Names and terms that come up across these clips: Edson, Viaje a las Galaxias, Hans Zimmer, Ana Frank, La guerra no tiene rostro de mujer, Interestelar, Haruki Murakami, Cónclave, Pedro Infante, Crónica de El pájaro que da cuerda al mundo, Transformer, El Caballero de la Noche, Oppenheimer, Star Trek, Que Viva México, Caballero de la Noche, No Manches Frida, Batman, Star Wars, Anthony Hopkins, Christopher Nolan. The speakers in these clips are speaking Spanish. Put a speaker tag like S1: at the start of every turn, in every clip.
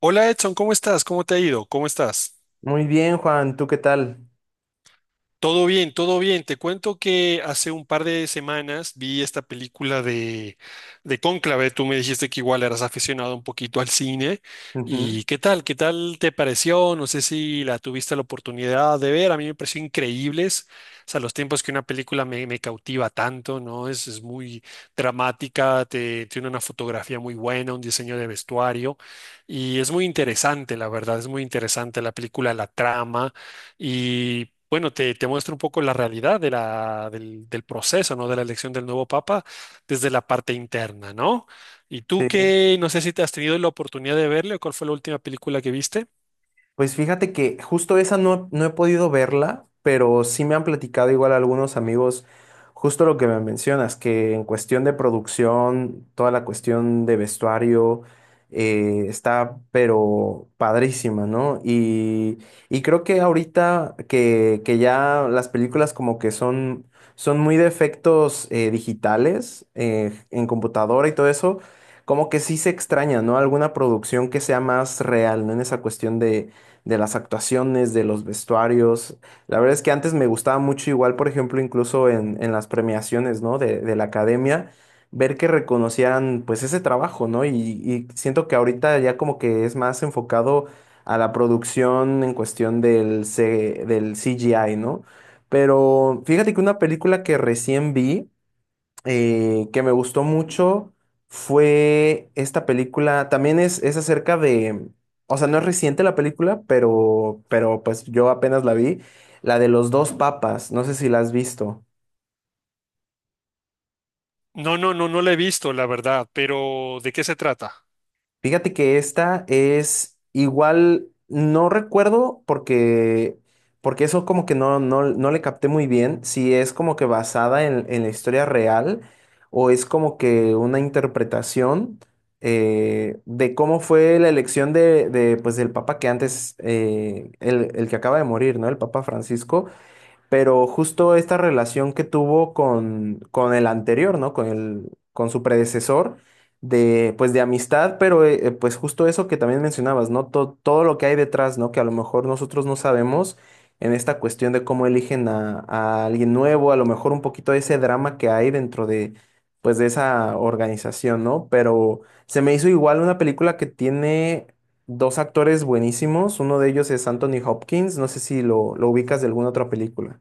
S1: Hola Edson, ¿cómo estás? ¿Cómo te ha ido? ¿Cómo estás?
S2: Muy bien, Juan, ¿tú qué tal?
S1: Todo bien, todo bien. Te cuento que hace un par de semanas vi esta película de Cónclave. Tú me dijiste que igual eras aficionado un poquito al cine.
S2: Ujú.
S1: ¿Y qué tal? ¿Qué tal te pareció? No sé si la tuviste la oportunidad de ver. A mí me pareció increíbles. O sea, los tiempos que una película me cautiva tanto, ¿no? Es muy dramática, tiene una fotografía muy buena, un diseño de vestuario. Y es muy interesante, la verdad, es muy interesante la película, la trama. Y bueno, te muestro un poco la realidad de del proceso, ¿no? De la elección del nuevo papa desde la parte interna, ¿no? Y tú
S2: Sí.
S1: que no sé si te has tenido la oportunidad de verle o cuál fue la última película que viste.
S2: Pues fíjate que justo esa no he podido verla, pero sí me han platicado igual algunos amigos justo lo que me mencionas, que en cuestión de producción, toda la cuestión de vestuario está pero padrísima, ¿no? Y creo que ahorita que ya las películas como que son muy de efectos digitales en computadora y todo eso, como que sí se extraña, ¿no? Alguna producción que sea más real, ¿no? En esa cuestión de las actuaciones, de los vestuarios. La verdad es que antes me gustaba mucho, igual, por ejemplo, incluso en las premiaciones, ¿no? De la academia, ver que reconocían pues ese trabajo, ¿no? Y siento que ahorita ya como que es más enfocado a la producción en cuestión del CGI, ¿no? Pero fíjate que una película que recién vi, que me gustó mucho fue esta película. También es acerca de, o sea, no es reciente la película, pero pues yo apenas la vi, la de los dos papas. No sé si la has visto.
S1: No, no, no, no la he visto, la verdad, pero ¿de qué se trata?
S2: Fíjate que esta es igual, no recuerdo porque, porque eso como que no le capté muy bien, si es como que basada en la historia real o es como que una interpretación de cómo fue la elección pues, del papa que antes, el que acaba de morir, ¿no? El papa Francisco, pero justo esta relación que tuvo con el anterior, ¿no? Con su predecesor, de, pues de amistad, pero pues justo eso que también mencionabas, ¿no? Todo lo que hay detrás, ¿no? Que a lo mejor nosotros no sabemos en esta cuestión de cómo eligen a alguien nuevo, a lo mejor un poquito de ese drama que hay dentro de, pues de esa organización, ¿no? Pero se me hizo igual una película que tiene... Dos actores buenísimos, uno de ellos es Anthony Hopkins, no sé si lo ubicas de alguna otra película.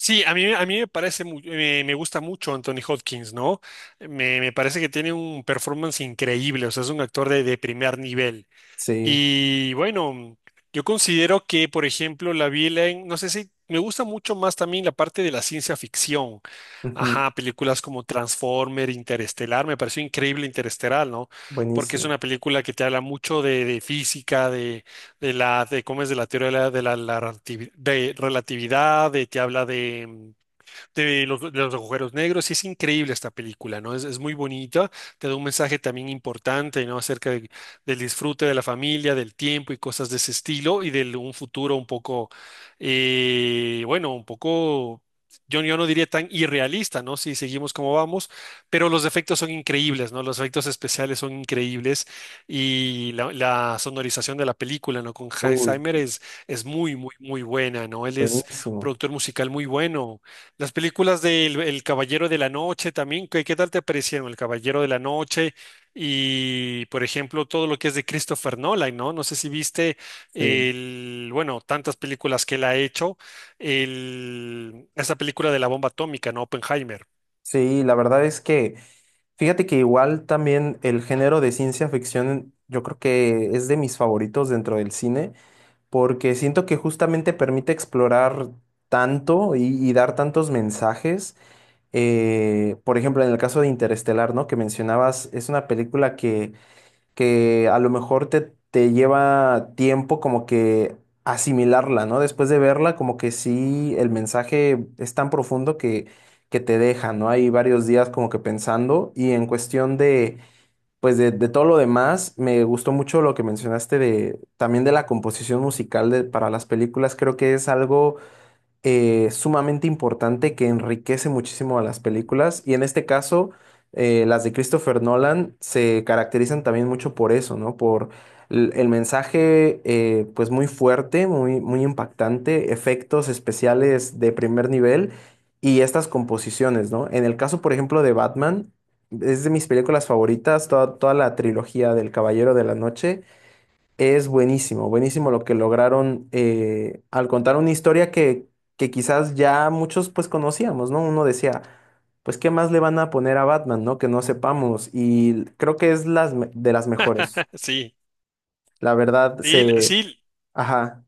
S1: Sí, a mí me parece, me gusta mucho Anthony Hopkins, ¿no? Me parece que tiene un performance increíble, o sea, es un actor de primer nivel.
S2: Sí,
S1: Y bueno, yo considero que, por ejemplo, la vi en, no sé si me gusta mucho más también la parte de la ciencia ficción.
S2: ujú,
S1: Ajá, películas como Transformer, Interestelar, me pareció increíble Interestelar, ¿no? Porque es
S2: buenísimo.
S1: una película que te habla mucho de física, de cómo es de la teoría de la de relatividad, te habla de de de los agujeros negros. Y es increíble esta película, ¿no? Es muy bonita, te da un mensaje también importante, ¿no? Del disfrute de la familia, del tiempo y cosas de ese estilo y de un futuro un poco, bueno, un poco... Yo no diría tan irrealista, ¿no? Si seguimos como vamos, pero los efectos son increíbles, ¿no? Los efectos especiales son increíbles y la sonorización de la película, ¿no? Con Hans
S2: Uy,
S1: Zimmer es muy, muy, muy buena, ¿no? Él es
S2: buenísimo.
S1: productor musical muy bueno. Las películas del El Caballero de la Noche también, qué tal te parecieron? El Caballero de la Noche y, por ejemplo, todo lo que es de Christopher Nolan, ¿no? No sé si viste
S2: Sí.
S1: bueno, tantas películas que él ha hecho, esa película de la bomba atómica, ¿no? Oppenheimer.
S2: Sí, la verdad es que, fíjate que igual también el género de ciencia ficción, yo creo que es de mis favoritos dentro del cine, porque siento que justamente permite explorar tanto y dar tantos mensajes. Por ejemplo, en el caso de Interestelar, ¿no? Que mencionabas, es una película que a lo mejor te lleva tiempo como que asimilarla, ¿no? Después de verla, como que sí, el mensaje es tan profundo que te deja, ¿no? Hay varios días como que pensando y en cuestión de, pues de todo lo demás, me gustó mucho lo que mencionaste de, también de la composición musical de, para las películas, creo que es algo sumamente importante que enriquece muchísimo a las películas. Y en este caso, las de Christopher Nolan se caracterizan también mucho por eso, ¿no? Por el mensaje, pues muy fuerte, muy, muy impactante, efectos especiales de primer nivel y estas composiciones, ¿no? En el caso, por ejemplo, de Batman, es de mis películas favoritas, toda, toda la trilogía del Caballero de la Noche. Es buenísimo, buenísimo lo que lograron al contar una historia que quizás ya muchos pues conocíamos, ¿no? Uno decía, pues ¿qué más le van a poner a Batman, ¿no? Que no sepamos. Y creo que es de las mejores.
S1: Sí,
S2: La verdad,
S1: sí,
S2: se...
S1: sí,
S2: Ajá.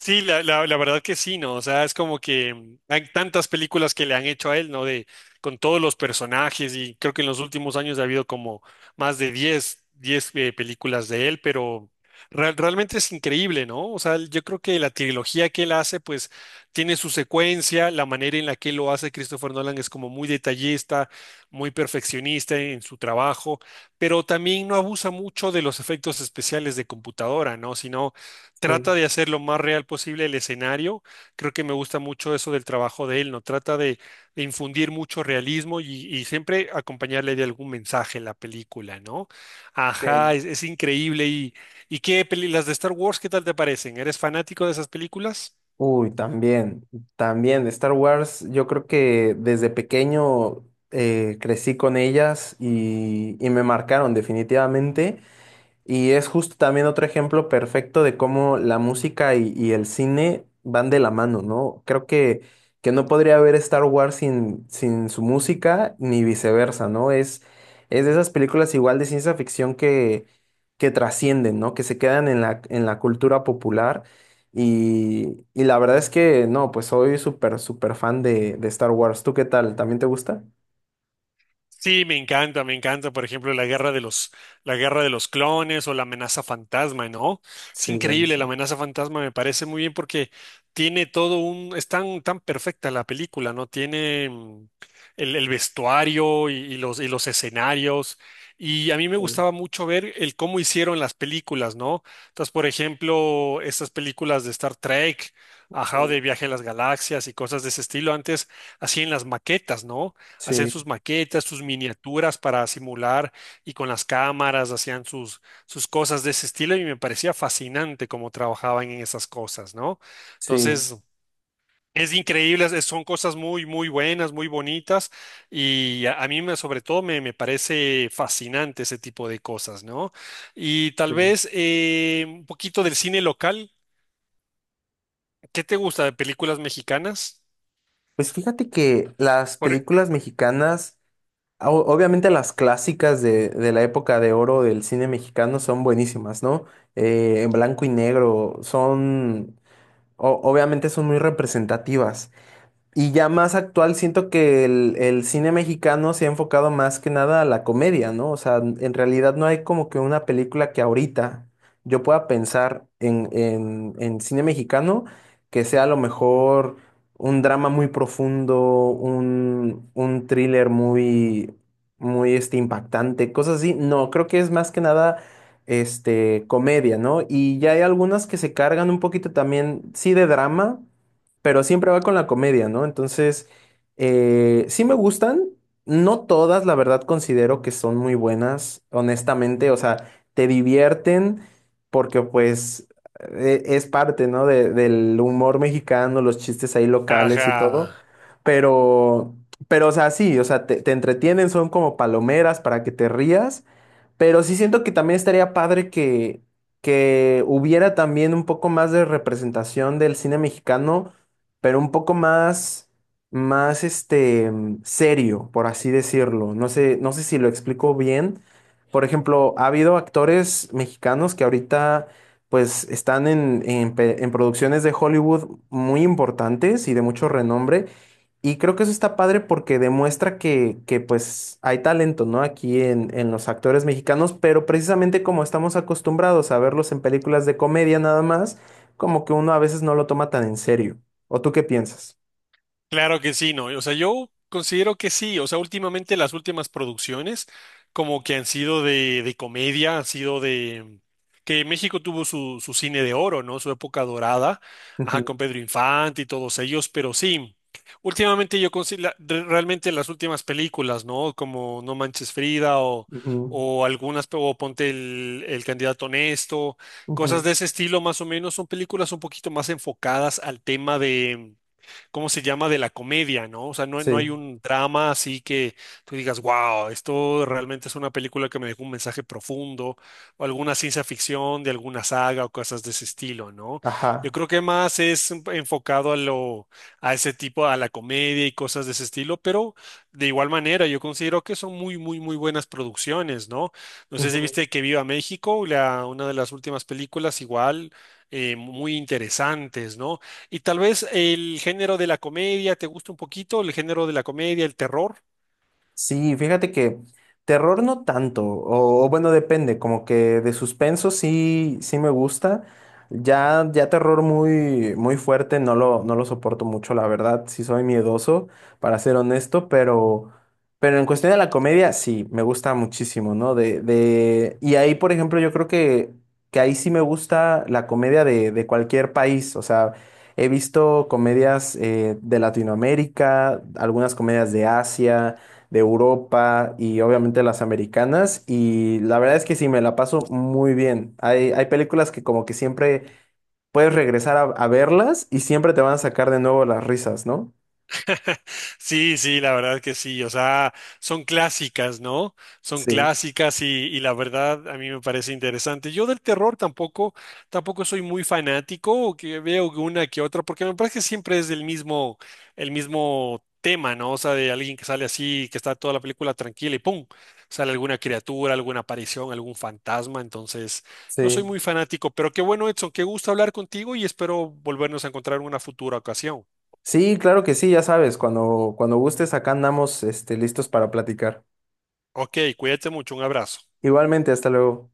S1: sí, la verdad que sí, ¿no? O sea, es como que hay tantas películas que le han hecho a él, ¿no? De, con todos los personajes y creo que en los últimos años ha habido como más de diez películas de él, pero realmente es increíble, ¿no? O sea, yo creo que la trilogía que él hace, pues tiene su secuencia, la manera en la que lo hace Christopher Nolan es como muy detallista, muy perfeccionista en su trabajo, pero también no abusa mucho de los efectos especiales de computadora, ¿no? Sino trata
S2: Sí.
S1: de hacer lo más real posible el escenario. Creo que me gusta mucho eso del trabajo de él, ¿no? Trata de infundir mucho realismo y siempre acompañarle de algún mensaje en la película, ¿no? Ajá,
S2: Sí.
S1: es increíble. Y las de Star Wars, qué tal te parecen? ¿Eres fanático de esas películas?
S2: Uy, también, también. Star Wars, yo creo que desde pequeño crecí con ellas y me marcaron definitivamente. Y es justo también otro ejemplo perfecto de cómo la música y el cine van de la mano, ¿no? Creo que no podría haber Star Wars sin su música, ni viceversa, ¿no? Es de esas películas igual de ciencia ficción que trascienden, ¿no? Que se quedan en la cultura popular. Y la verdad es que, no, pues soy súper, súper fan de Star Wars. ¿Tú qué tal? ¿También te gusta?
S1: Sí, me encanta, por ejemplo, la guerra de los clones o la amenaza fantasma, ¿no? Es
S2: Sí, bueno,
S1: increíble,
S2: sí.
S1: la amenaza fantasma me parece muy bien porque tiene todo un, es tan, tan perfecta la película, ¿no? Tiene el vestuario y, y los escenarios. Y a mí me
S2: Sí,
S1: gustaba mucho ver el cómo hicieron las películas, ¿no? Entonces, por ejemplo, estas películas de Star Trek, ajá, o de Viaje a las Galaxias y cosas de ese estilo, antes hacían las maquetas, ¿no? Hacían
S2: sí,
S1: sus maquetas, sus miniaturas para simular y con las cámaras hacían sus cosas de ese estilo y me parecía fascinante cómo trabajaban en esas cosas, ¿no?
S2: sí.
S1: Entonces, es increíble, son cosas muy, muy buenas, muy bonitas y a mí me parece fascinante ese tipo de cosas, ¿no? Y tal
S2: Sí.
S1: vez un poquito del cine local, ¿qué te gusta de películas mexicanas?
S2: Pues fíjate que las
S1: Por-
S2: películas mexicanas, obviamente las clásicas de la época de oro del cine mexicano son buenísimas, ¿no? En blanco y negro, son, obviamente son muy representativas. Y ya más actual, siento que el cine mexicano se ha enfocado más que nada a la comedia, ¿no? O sea, en realidad no hay como que una película que ahorita yo pueda pensar en cine mexicano que sea a lo mejor un drama muy profundo, un thriller muy, muy este, impactante, cosas así. No, creo que es más que nada este, comedia, ¿no? Y ya hay algunas que se cargan un poquito también, sí, de drama pero siempre va con la comedia, ¿no? Entonces, sí me gustan, no todas, la verdad, considero que son muy buenas, honestamente, o sea, te divierten porque pues es parte, ¿no? Del humor mexicano, los chistes ahí locales y todo,
S1: Ajá.
S2: pero, pero, o sea, sí, o sea, te entretienen, son como palomeras para que te rías, pero sí siento que también estaría padre que hubiera también un poco más de representación del cine mexicano, pero un poco más, más este, mm, serio, por así decirlo. No sé, no sé si lo explico bien. Por ejemplo, ha habido actores mexicanos que ahorita pues están en producciones de Hollywood muy importantes y de mucho renombre, y creo que eso está padre porque demuestra que, pues hay talento, ¿no? Aquí en los actores mexicanos, pero precisamente como estamos acostumbrados a verlos en películas de comedia nada más, como que uno a veces no lo toma tan en serio. ¿O tú qué piensas?
S1: Claro que sí, ¿no? O sea, yo considero que sí. O sea, últimamente las últimas producciones como que han sido de comedia, han sido de... que México tuvo su cine de oro, ¿no? Su época dorada, ajá,
S2: Ujú,
S1: con Pedro Infante y todos ellos, pero sí. Últimamente yo considero realmente las últimas películas, ¿no? Como No Manches Frida
S2: ujú,
S1: o algunas, o Ponte el candidato honesto, cosas
S2: ujú.
S1: de ese estilo más o menos, son películas un poquito más enfocadas al tema ¿cómo se llama? De la comedia, ¿no? O sea, no, no
S2: Sí,
S1: hay un drama así que tú digas, wow, esto realmente es una película que me dejó un mensaje profundo, o alguna ciencia ficción de alguna saga o cosas de ese estilo, ¿no? Yo
S2: ajá.
S1: creo que más es enfocado a ese tipo, a la comedia y cosas de ese estilo, pero de igual manera, yo considero que son muy, muy, muy buenas producciones, ¿no? No sé si
S2: Ujú.
S1: viste Que Viva México, una de las últimas películas, igual, muy interesantes, ¿no? Y tal vez el género de la comedia te gusta un poquito, el género de la comedia, el terror.
S2: Sí, fíjate que terror no tanto, o bueno, depende, como que de suspenso sí, sí me gusta. Ya, ya terror muy, muy fuerte, no lo soporto mucho, la verdad, sí soy miedoso, para ser honesto, pero en cuestión de la comedia, sí, me gusta muchísimo, ¿no? De, y ahí, por ejemplo, yo creo que ahí sí me gusta la comedia de cualquier país, o sea, he visto comedias de Latinoamérica, algunas comedias de Asia de Europa y obviamente las americanas. Y la verdad es que sí, me la paso muy bien. Hay películas que como que siempre puedes regresar a verlas y siempre te van a sacar de nuevo las risas, ¿no?
S1: Sí, sí, la verdad que sí, o sea, son clásicas, ¿no? Son
S2: Sí,
S1: clásicas y la verdad a mí me parece interesante. Yo del terror tampoco, tampoco soy muy fanático, o que veo una que otra, porque me parece que siempre es del mismo, el mismo tema, ¿no? O sea, de alguien que sale así, que está toda la película tranquila y ¡pum! Sale alguna criatura, alguna aparición, algún fantasma, entonces no soy
S2: sí.
S1: muy fanático, pero qué bueno, Edson, qué gusto hablar contigo y espero volvernos a encontrar en una futura ocasión.
S2: Sí, claro que sí, ya sabes, cuando, cuando gustes, acá andamos, este, listos para platicar.
S1: Ok, cuídate mucho, un abrazo.
S2: Igualmente, hasta luego.